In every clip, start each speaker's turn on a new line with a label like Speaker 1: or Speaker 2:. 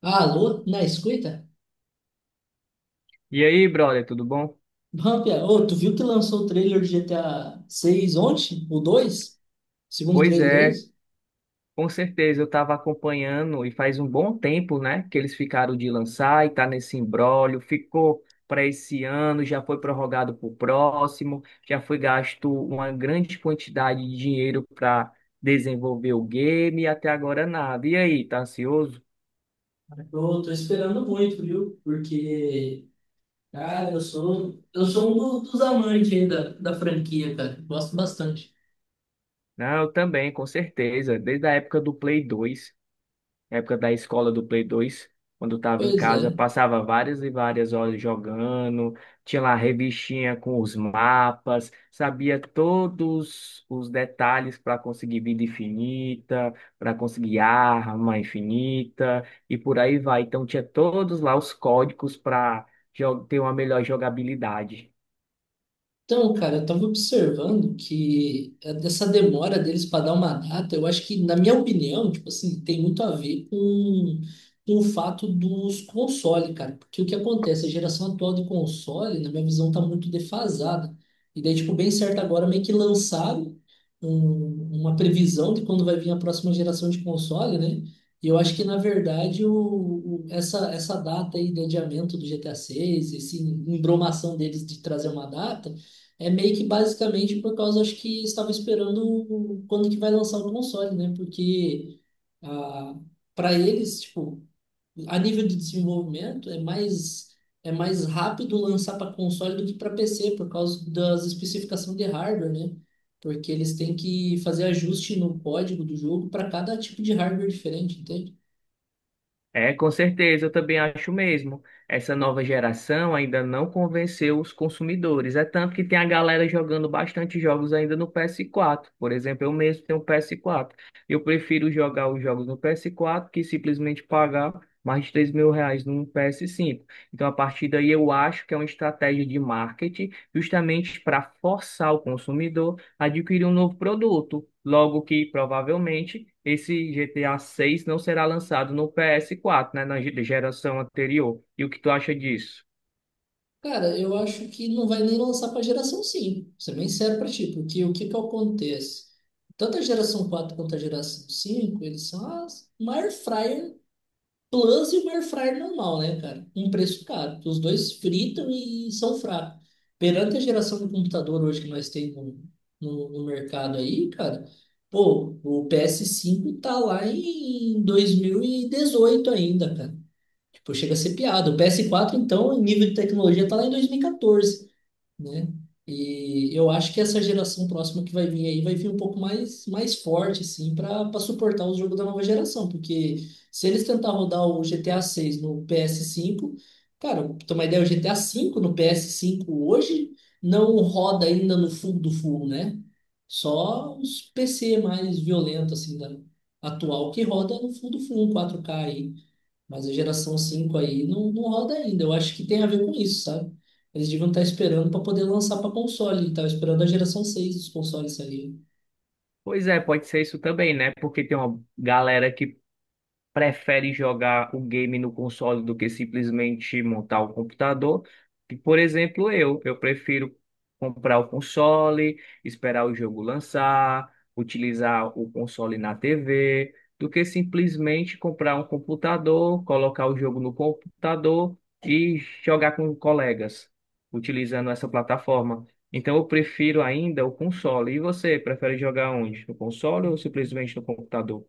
Speaker 1: Ah, alô, na escuta?
Speaker 2: E aí, brother, tudo bom?
Speaker 1: Bom, pia. Ô, tu viu que lançou o trailer de GTA 6 ontem? O 2? Segundo
Speaker 2: Pois
Speaker 1: trailer?
Speaker 2: é, com certeza eu estava acompanhando e faz um bom tempo, né, que eles ficaram de lançar e tá nesse imbróglio, ficou para esse ano, já foi prorrogado para o próximo, já foi gasto uma grande quantidade de dinheiro para desenvolver o game e até agora nada. E aí, tá ansioso?
Speaker 1: Eu tô esperando muito, viu? Porque, cara, eu sou um dos amantes aí da franquia, cara. Gosto bastante.
Speaker 2: Não, eu também, com certeza, desde a época do Play 2. Na época da escola do Play 2, quando estava em
Speaker 1: Pois
Speaker 2: casa,
Speaker 1: é.
Speaker 2: passava várias e várias horas jogando, tinha lá a revistinha com os mapas, sabia todos os detalhes para conseguir vida infinita, para conseguir arma infinita e por aí vai. Então tinha todos lá os códigos para ter uma melhor jogabilidade.
Speaker 1: Então, cara, eu estava observando que dessa demora deles para dar uma data, eu acho que, na minha opinião, tipo assim, tem muito a ver com o fato dos consoles, cara. Porque o que acontece? A geração atual de console, na minha visão, tá muito defasada. E daí, tipo, bem certo agora, meio que lançaram uma previsão de quando vai vir a próxima geração de console, né? E eu acho que, na verdade, essa data aí de adiamento do GTA VI, essa embromação deles de trazer uma data, é meio que basicamente por causa, acho que estava esperando quando que vai lançar o console, né? Porque ah, para eles, tipo, a nível de desenvolvimento é mais rápido lançar para console do que para PC por causa das especificações de hardware, né? Porque eles têm que fazer ajuste no código do jogo para cada tipo de hardware diferente, entende?
Speaker 2: É, com certeza, eu também acho mesmo. Essa nova geração ainda não convenceu os consumidores. É tanto que tem a galera jogando bastante jogos ainda no PS4. Por exemplo, eu mesmo tenho um PS4. Eu prefiro jogar os jogos no PS4 que simplesmente pagar mais de 3 mil reais num PS5. Então, a partir daí, eu acho que é uma estratégia de marketing justamente para forçar o consumidor adquirir um novo produto, logo que provavelmente esse GTA 6 não será lançado no PS4, né, na geração anterior. E o que tu acha disso?
Speaker 1: Cara, eu acho que não vai nem lançar para geração 5. Ser bem sério para ti, porque o que acontece? Tanto a geração 4 quanto a geração cinco, eles são as, uma air fryer plus e uma air fryer normal, né, cara? Um preço caro. Os dois fritam e são fracos. Perante a geração de computador hoje que nós temos no mercado aí, cara, pô, o PS5 tá lá em 2018 ainda, cara. Pô, chega a ser piada. O PS4, então, em nível de tecnologia, tá lá em 2014, né? E eu acho que essa geração próxima que vai vir aí vai vir um pouco mais forte, assim, para suportar os jogos da nova geração. Porque se eles tentar rodar o GTA 6 no PS5, cara, pra ter uma ideia, o GTA 5 no PS5 hoje não roda ainda no full do full, né? Só os PC mais violentos, assim, da atual que roda no full do full, 4K aí. Mas a geração 5 aí não, não roda ainda. Eu acho que tem a ver com isso, sabe? Eles deviam estar esperando para poder lançar para console. Estava esperando a geração seis dos consoles ali.
Speaker 2: Pois é, pode ser isso também, né? Porque tem uma galera que prefere jogar o game no console do que simplesmente montar o computador. E, por exemplo, eu prefiro comprar o console, esperar o jogo lançar, utilizar o console na TV, do que simplesmente comprar um computador, colocar o jogo no computador e jogar com colegas, utilizando essa plataforma. Então eu prefiro ainda o console. E você, prefere jogar onde? No console ou simplesmente no computador?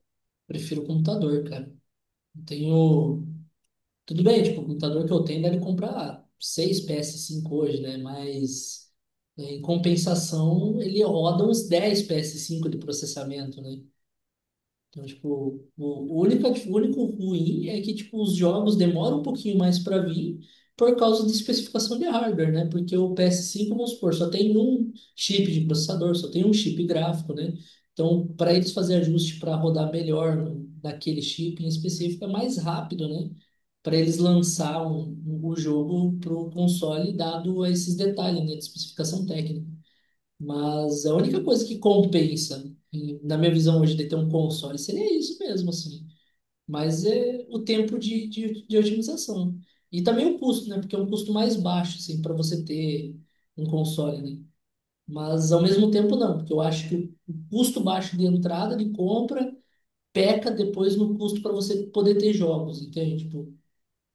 Speaker 1: Prefiro o computador, cara. Eu tenho. Tudo bem, tipo, o computador que eu tenho deve comprar 6 ps cinco hoje, né? Mas é, em compensação, ele roda uns 10 ps cinco de processamento, né? Então, tipo, o único ruim é que, tipo, os jogos demoram um pouquinho mais para vir por causa da especificação de hardware, né? Porque o PS5, vamos supor, só tem um chip de processador, só tem um chip gráfico, né? Então, para eles fazer ajuste para rodar melhor naquele chip em específico, é mais rápido, né? Para eles lançar o jogo para o console, dado esses detalhes, né, de especificação técnica. Mas a única coisa que compensa, na minha visão hoje, de ter um console seria isso mesmo, assim. Mas é o tempo de otimização. E também o custo, né? Porque é um custo mais baixo, assim, para você ter um console, né? Mas ao mesmo tempo não, porque eu acho que o custo baixo de entrada, de compra, peca depois no custo para você poder ter jogos, entende? Tipo,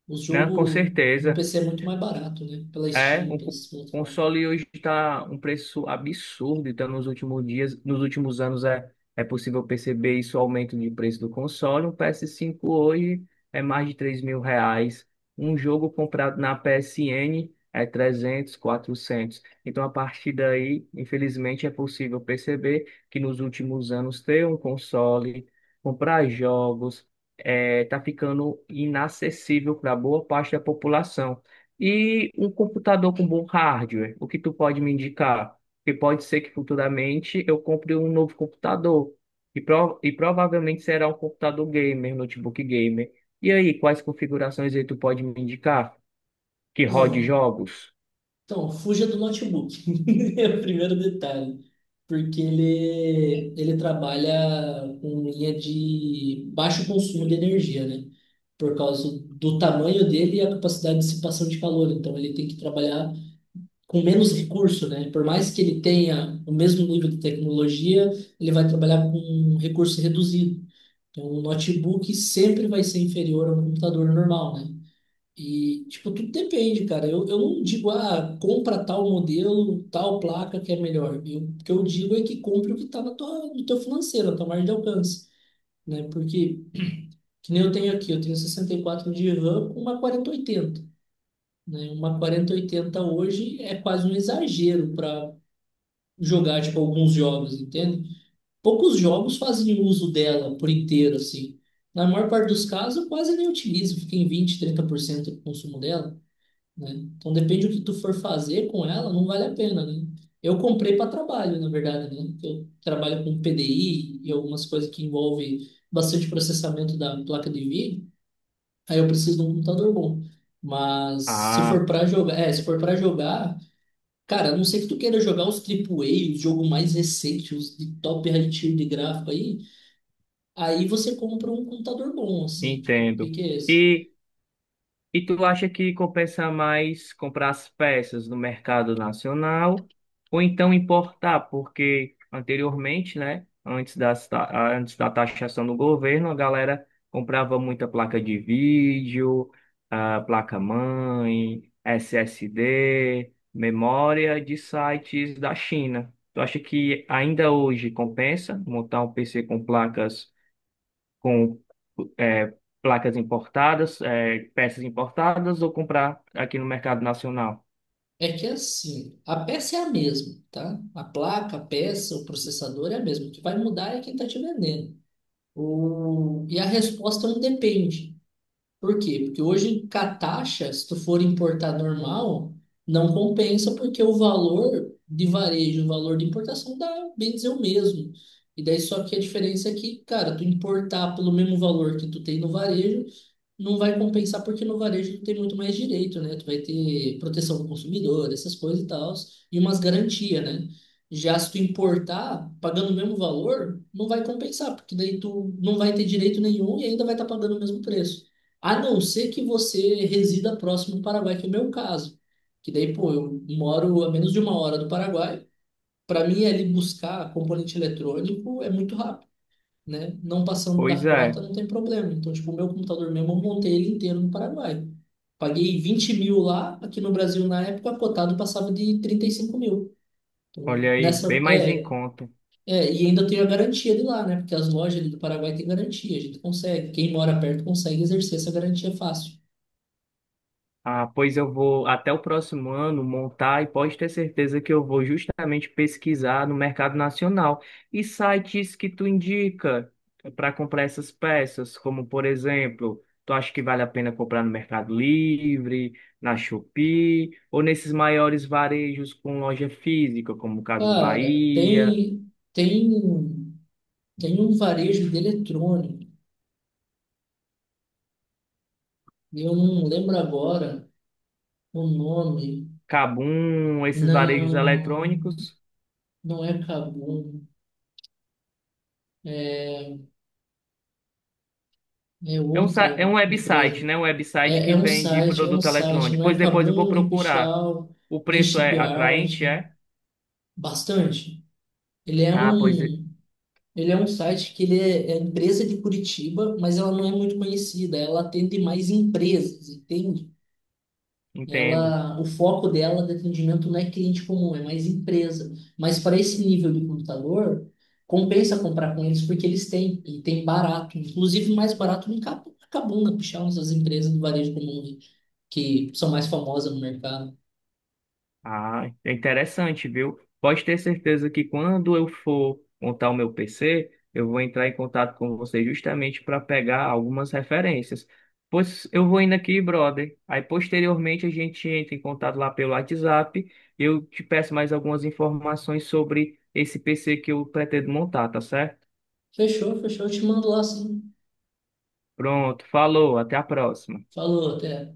Speaker 1: os
Speaker 2: Não, com
Speaker 1: jogos no
Speaker 2: certeza.
Speaker 1: PC é muito mais barato, né? Pela
Speaker 2: É,
Speaker 1: Steam,
Speaker 2: o
Speaker 1: pelas plataformas.
Speaker 2: console hoje está um preço absurdo, então nos últimos dias, nos últimos anos é possível perceber isso, o aumento de preço do console. Um PS5 hoje é mais de 3 mil reais. Um jogo comprado na PSN é 300, 400. Então, a partir daí, infelizmente, é possível perceber que nos últimos anos ter um console, comprar jogos, está ficando inacessível para boa parte da população. E um computador com bom hardware, o que tu pode me indicar? Porque pode ser que futuramente eu compre um novo computador. E, e provavelmente será um computador gamer, notebook gamer. E aí, quais configurações aí tu pode me indicar? Que rode
Speaker 1: Não.
Speaker 2: jogos?
Speaker 1: Então, fuja do notebook. É o primeiro detalhe. Porque ele trabalha com linha de baixo consumo de energia, né? Por causa do tamanho dele e a capacidade de dissipação de calor. Então, ele tem que trabalhar com menos recurso, né? Por mais que ele tenha o mesmo nível de tecnologia, ele vai trabalhar com um recurso reduzido. Então, o notebook sempre vai ser inferior a um computador normal, né? E, tipo, tudo depende, cara. Eu não digo, ah, compra tal modelo, tal placa que é melhor. Eu, o que eu digo é que compre o que está na tua, no teu financeiro, na tua margem de alcance, né? Porque, que nem eu tenho aqui, eu tenho 64 de RAM com uma quarenta oitenta, né? Uma quarenta oitenta hoje é quase um exagero para jogar, tipo, alguns jogos, entende? Poucos jogos fazem uso dela por inteiro, assim. Na maior parte dos casos, eu quase nem utilizo, fica em 20 a 30% do consumo dela, né? Então depende do que tu for fazer com ela, não vale a pena, né? Eu comprei para trabalho, na verdade, né? Eu trabalho com PDI e algumas coisas que envolvem bastante processamento da placa de vídeo. Aí eu preciso de um computador bom. Mas se
Speaker 2: Ah,
Speaker 1: for para jogar, é, se for para jogar, cara, a não sei que tu queira jogar os AAA, os jogos mais recentes, os de top high tier de gráfico aí, aí você compra um computador bom, assim, tipo,
Speaker 2: entendo.
Speaker 1: porque
Speaker 2: E tu acha que compensa mais comprar as peças no mercado nacional ou então importar? Porque anteriormente, né, antes da taxação do governo, a galera comprava muita placa de vídeo, ah, placa-mãe, SSD, memória de sites da China. Tu acha que ainda hoje compensa montar um PC com placas com é, placas importadas, é, peças importadas ou comprar aqui no mercado nacional.
Speaker 1: é que assim, a peça é a mesma, tá? A placa, a peça, o processador é a mesma. O que vai mudar é quem está te vendendo. E a resposta não depende. Por quê? Porque hoje, com a taxa, se tu for importar normal, não compensa, porque o valor de varejo, o valor de importação dá, bem dizer, o mesmo. E daí só que a diferença é que, cara, tu importar pelo mesmo valor que tu tem no varejo, não vai compensar porque no varejo tem muito mais direito, né? Tu vai ter proteção do consumidor, essas coisas e tal, e umas garantias, né? Já se tu importar, pagando o mesmo valor, não vai compensar, porque daí tu não vai ter direito nenhum e ainda vai estar pagando o mesmo preço. A não ser que você resida próximo do Paraguai, que é o meu caso. Que daí, pô, eu moro a menos de uma hora do Paraguai. Para mim, ali buscar componente eletrônico é muito rápido, né? Não passando
Speaker 2: Pois
Speaker 1: da cota,
Speaker 2: é,
Speaker 1: não tem problema. Então, tipo, o meu computador mesmo, eu montei ele inteiro no Paraguai. Paguei 20 mil lá, aqui no Brasil na época, cotado passava de 35 mil. Então,
Speaker 2: olha aí, bem
Speaker 1: nessa,
Speaker 2: mais em conta.
Speaker 1: é, e ainda tenho a garantia de lá, né? Porque as lojas ali do Paraguai têm garantia, a gente consegue. Quem mora perto consegue exercer essa garantia fácil.
Speaker 2: Ah, pois eu vou até o próximo ano montar e pode ter certeza que eu vou justamente pesquisar no mercado nacional e sites que tu indica para comprar essas peças, como por exemplo, tu acha que vale a pena comprar no Mercado Livre, na Shopee ou nesses maiores varejos com loja física, como Casas
Speaker 1: Cara,
Speaker 2: Bahia,
Speaker 1: tem um varejo de eletrônico. Eu não lembro agora o nome.
Speaker 2: Kabum, esses varejos
Speaker 1: Não.
Speaker 2: eletrônicos?
Speaker 1: Não é Kabum, é é
Speaker 2: É um, é
Speaker 1: outra
Speaker 2: um website,
Speaker 1: empresa.
Speaker 2: né? Um website que vende
Speaker 1: É um
Speaker 2: produto
Speaker 1: site.
Speaker 2: eletrônico.
Speaker 1: Não
Speaker 2: Pois
Speaker 1: é
Speaker 2: depois eu vou
Speaker 1: Kabum, nem
Speaker 2: procurar.
Speaker 1: Pichal
Speaker 2: O
Speaker 1: nem
Speaker 2: preço é atraente,
Speaker 1: Shipyard.
Speaker 2: é?
Speaker 1: Bastante. Ele é
Speaker 2: Ah,
Speaker 1: um, ele é um site que é empresa de Curitiba, mas ela não é muito conhecida. Ela atende mais empresas, entende?
Speaker 2: entendo.
Speaker 1: Ela, o foco dela de atendimento não é cliente comum, é mais empresa. Mas para esse nível de computador, compensa comprar com eles porque eles têm, e tem barato, inclusive mais barato do que a que puxar umas das empresas do varejo comum que são mais famosas no mercado.
Speaker 2: Ah, é interessante, viu? Pode ter certeza que quando eu for montar o meu PC, eu vou entrar em contato com você justamente para pegar algumas referências. Pois eu vou indo aqui, brother. Aí posteriormente a gente entra em contato lá pelo WhatsApp. Eu te peço mais algumas informações sobre esse PC que eu pretendo montar, tá certo?
Speaker 1: Fechou, eu te mando lá sim.
Speaker 2: Pronto, falou, até a próxima.
Speaker 1: Falou, até.